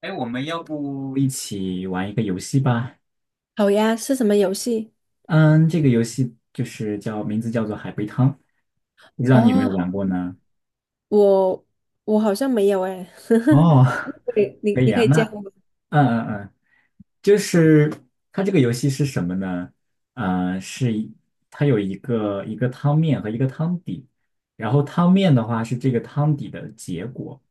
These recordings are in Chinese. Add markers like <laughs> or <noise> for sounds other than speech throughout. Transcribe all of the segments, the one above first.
哎，我们要不一起玩一个游戏吧？好呀，是什么游戏？嗯，这个游戏就是叫名字叫做海龟汤，不知道你有没有哦，玩过呢？我我好像没有哎，<laughs> 哦，<laughs> 对，你可以你啊，可以那教我。嗯嗯嗯，就是它这个游戏是什么呢？呃，是一它有一个汤面和一个汤底，然后汤面的话是这个汤底的结果，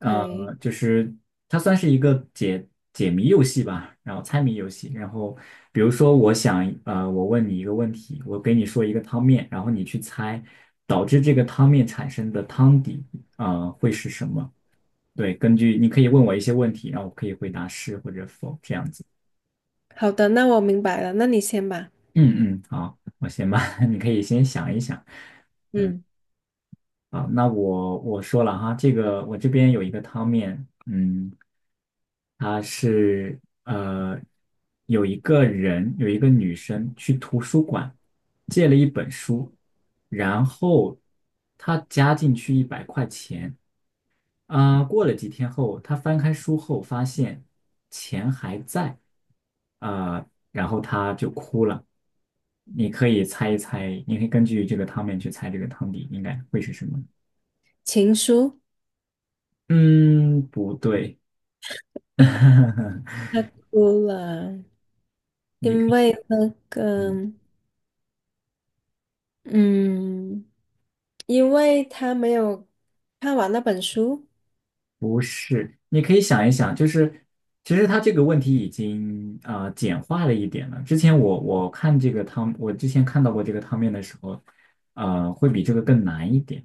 OK，就是它算是一个解谜游戏吧，然后猜谜游戏。然后比如说，我想，我问你一个问题，我给你说一个汤面，然后你去猜导致这个汤面产生的汤底，会是什么？对，根据你可以问我一些问题，然后我可以回答是或者否这样子。好的，那我明白了，那你先吧。嗯嗯，好，我先吧，<laughs> 你可以先想一想。嗯，啊，那我说了哈，这个我这边有一个汤面，它是呃有一个女生去图书馆借了一本书，然后她加进去一百块钱，过了几天后，她翻开书后发现钱还在，啊、然后她就哭了。你可以猜一猜，你可以根据这个汤面去猜这个汤底应该会是什么。情书，嗯，不对，<laughs> 他哭了，你可因以，为那个，嗯，嗯，因为他没有看完那本书。不是，你可以想一想，就是其实他这个问题已经简化了一点了。之前我看这个汤，我之前看到过这个汤面的时候，会比这个更难一点。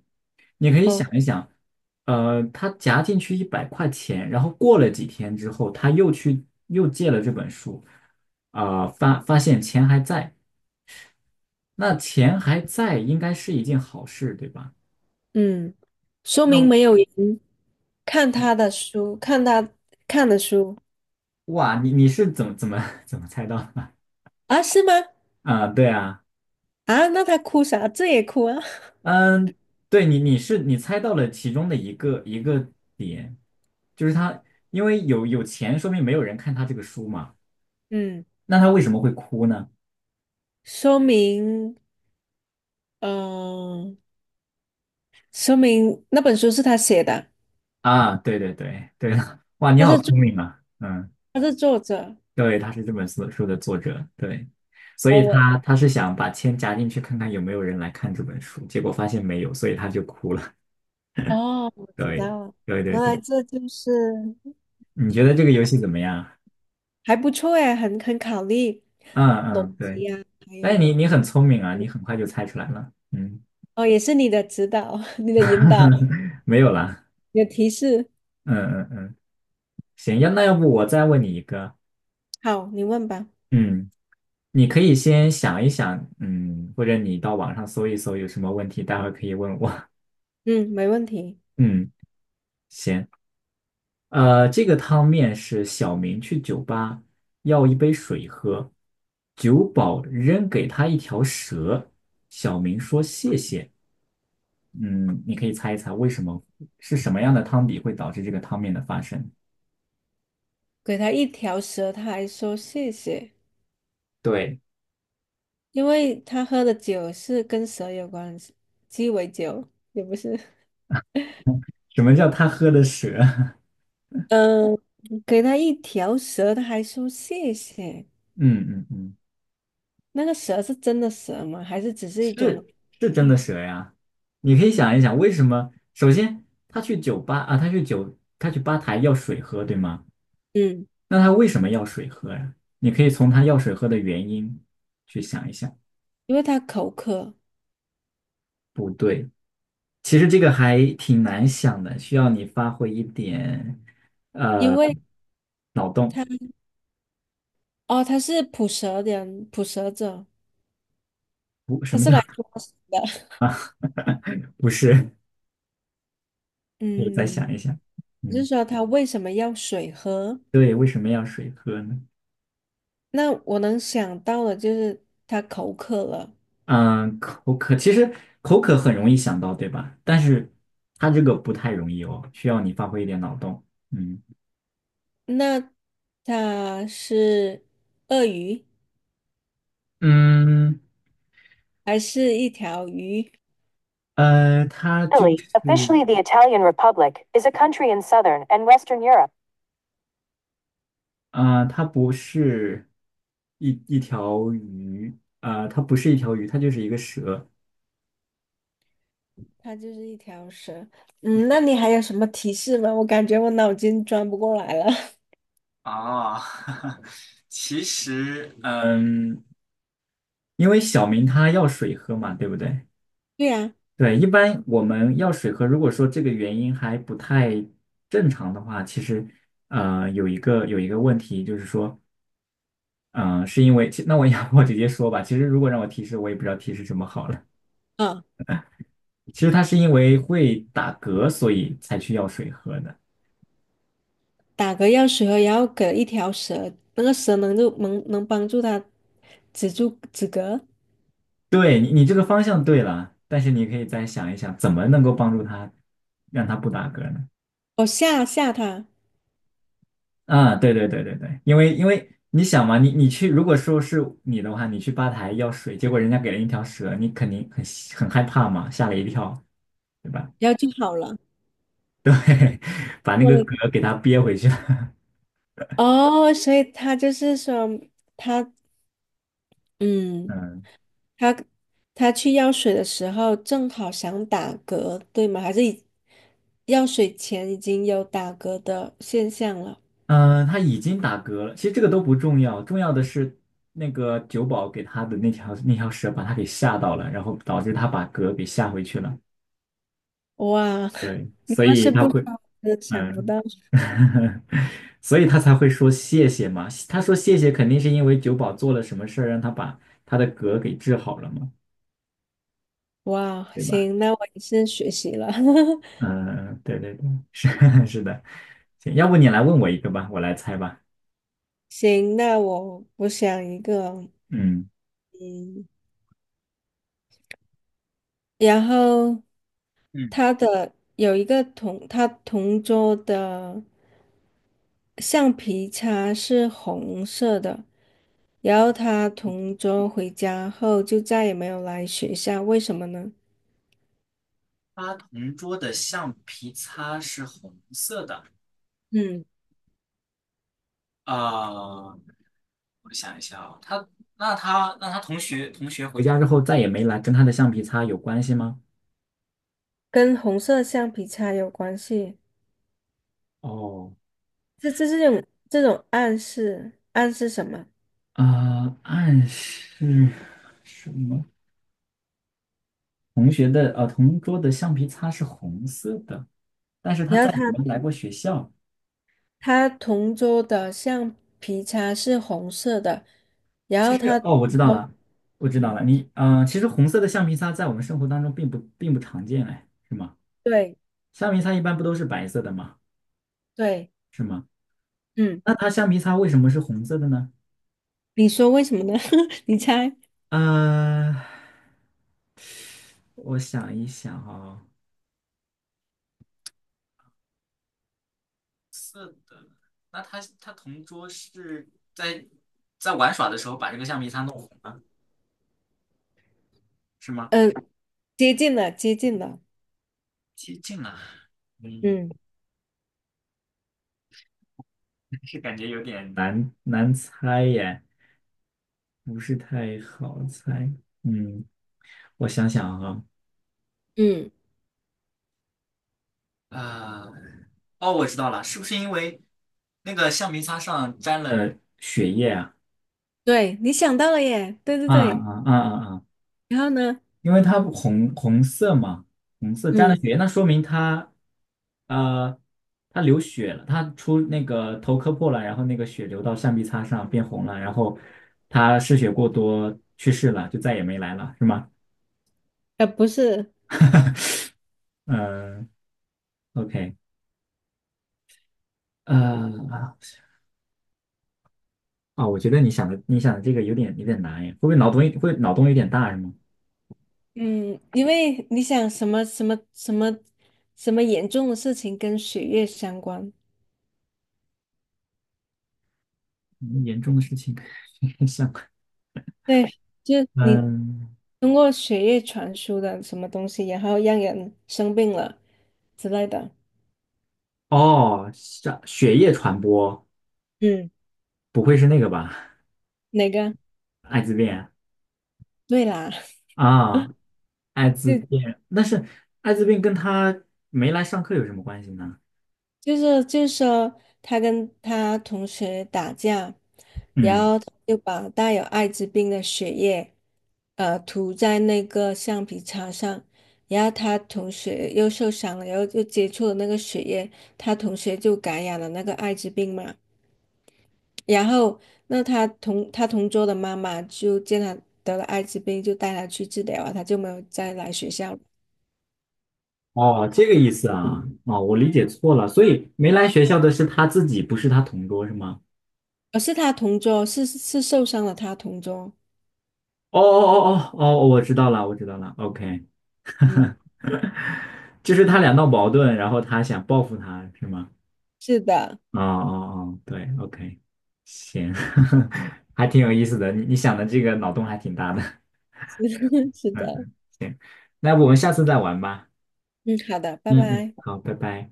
你可以哦，想一想，他夹进去一百块钱，然后过了几天之后，他又去又借了这本书，发现钱还在，那钱还在应该是一件好事，对吧？嗯，说明那没有人看他的书，看的书哇，你是怎么 <laughs> 怎么猜到的？啊？是吗？啊，对啊，啊，那他哭啥？这也哭啊？嗯，对你是你猜到了其中的一个点，就是他因为有钱，说明没有人看他这个书嘛，<laughs> 嗯。那他为什么会哭呢？说明，嗯、说明那本书是他写的，啊，对对对对的，哇，你他是好作聪明啊，嗯，他是作者。对，他是这本书的作者，对，所哦，以我他是想把钱夹进去看看有没有人来看这本书，结果发现没有，所以他就哭了，哦，我知对道了，对对原对，来这就是你觉得这个游戏怎么样啊？还不错哎，很考虑嗯逻嗯，对。辑啊，还哎，你有你很聪明啊，你很快就猜出来了。嗯，哦，也是你的指导、<laughs> 你的引导、<laughs> 没有啦。你的提示。嗯嗯嗯，行，那要不我再问你一个。好，你问吧。嗯，你可以先想一想，或者你到网上搜一搜有什么问题，待会儿可以问我。嗯，没问题。<laughs> 嗯，行。这个汤面是小明去酒吧要一杯水喝，酒保扔给他一条蛇，小明说谢谢。嗯，你可以猜一猜为什么是什么样的汤底会导致这个汤面的发生？给他一条蛇，他还说谢谢，对，因为他喝的酒是跟蛇有关系，鸡尾酒也不是。什么叫他喝的蛇？嗯，给他一条蛇，他还说谢谢。<laughs> 嗯嗯嗯，那个蛇是真的蛇吗？还是只是一种是是真喻？的蛇呀。你可以想一想，为什么？首先，他去吧台要水喝，对吗？嗯，那他为什么要水喝呀？你可以从他要水喝的原因去想一想。因为他口渴，不对，其实这个还挺难想的，需要你发挥一点，因呃，为他哦，他是捕蛇人，捕蛇者，不，什他么是叫 来抓蛇的。<laughs> <laughs> 不是？可以再嗯，想一想。就是嗯，说他为什么要水喝？对，为什么要水喝呢？那我能想到的就是他口渴了。嗯，口渴其实口渴很容易想到，对吧？但是它这个不太容易哦，需要你发挥一点脑洞。嗯那他是鳄鱼，嗯，还是一条鱼？它就 Italy, 是 officially the Italian Republic, is a country in southern and western Europe. 它不是一条鱼它不是一条鱼，它就是一个蛇。它就是一条蛇。嗯，那你还有什么提示吗？我感觉我脑筋转不过来了。<laughs> 哦，<laughs> 其实，因为小明他要水喝嘛，对不对？对呀，对，一般我们要水喝，如果说这个原因还不太正常的话，其实有一个问题就是说，嗯、是因为其那我要 <laughs> 我直接说吧，其实如果让我提示，我也不知道提示什么好了。啊，其实他是因为会打嗝，所以才去要水喝的。打嗝药水后，然后给一条蛇，那个蛇能就能帮助它止嗝，对你这个方向对了，但是你可以再想一想，怎么能够帮助他让他不打嗝呢？我吓吓它，啊，对对对对对，因为你想嘛，你去，如果说是你的话，你去吧台要水，结果人家给了一条蛇，你肯定很害怕嘛，吓了一跳，对吧？然后就好了。把那我个的天嗝给他憋回去了。<laughs> 哦，所以他就是说，他嗯，嗯他他去药水的时候正好想打嗝，对吗？还是已药水前已经有打嗝的现象了。嗯，他已经打嗝了，其实这个都不重要，重要的是那个酒保给他的那条蛇把他给吓到了，然后导致他把嗝给吓回去了。哇，<laughs> 对，你所要以是他不说，会，我真的想不嗯，到。<laughs> 所以他才会说谢谢嘛。他说谢谢，肯定是因为九保做了什么事儿，让他把他的嗝给治好了嘛，哇，对吧？行，那我也是学习了。<laughs> 嗯，对对对，是 <laughs> 是的。行，要不你来问我一个吧，我来猜吧。行，那我想一个，嗯，嗯，然后嗯，他的有一个同他同桌的橡皮擦是红色的，然后他同桌回家后就再也没有来学校，为什么呢？他同桌的橡皮擦是红色的。嗯，呃，我想一下啊，他同学回家之后再也没来，跟他的橡皮擦有关系吗？跟红色橡皮擦有关系。哦，这种暗示，暗示什么？暗示什么？同桌的橡皮擦是红色的，但是他然在后没来过学校。他同桌的橡皮擦是红色的，然其后实他同哦，我知道桌，了，我知道嗯，了。你，其实红色的橡皮擦在我们生活当中并不常见，哎，是吗？对橡皮擦一般不都是白色的吗？对，是吗？嗯，那它橡皮擦为什么是红色的呢？你说为什么呢？<laughs> 你猜？呃，我想一想啊、是的，那他同桌是在在玩耍的时候把这个橡皮擦弄。是吗？呃，接近了，接近了，接近了，嗯，嗯是感觉有点难猜耶，不是太好猜。嗯，我想想啊，嗯，啊、哦，我知道了，是不是因为那个橡皮擦上沾了？血液？对，你想到了耶，对对啊对，啊啊啊啊！然后呢？因为它红色嘛，红色沾了嗯，血，那说明它，呃，它流血了，它出那个头磕破了，然后那个血流到橡皮擦上变红了，然后它失血过多去世了，就再也没来了，是吗？呃，不是，嗯，OK，呃，啊，我觉得你想的这个有点难耶，会不会脑洞会脑洞有点大是吗？嗯，因为你想什么严重的事情跟血液相关，嗯严重的事情，<laughs> 像对。就你嗯，通过血液传输的什么东西，然后让人生病了之类的。哦，像血液传播，嗯不会是那个吧？哪个？艾滋病。对啦，啊，<laughs> 艾滋就病，但是艾滋病跟他没来上课有什么关系呢？就是说，他跟他同学打架，然嗯，后他就把带有艾滋病的血液，呃，涂在那个橡皮擦上，然后他同学又受伤了，然后又接触了那个血液，他同学就感染了那个艾滋病嘛。然后，那他同桌的妈妈就见他得了艾滋病，就带他去治疗啊，他就没有再来学校了。哦，这个意思啊，哦，我理解错了，所以没来学校的是他自己，不是他同桌，是吗？而是他同桌，是受伤了，他同桌。哦哦哦哦哦，我知道了，我知道了，OK，嗯，<laughs> 就是他俩闹矛盾，然后他想报复他，是吗？是的，哦哦哦，对，OK，行，<laughs> 还挺有意思的，你想的这个脑洞还挺大的，<laughs> 是的，是 <laughs> 嗯的。嗯，行，那我们下次再玩吧，嗯，好的，拜嗯嗯，拜。好，拜拜。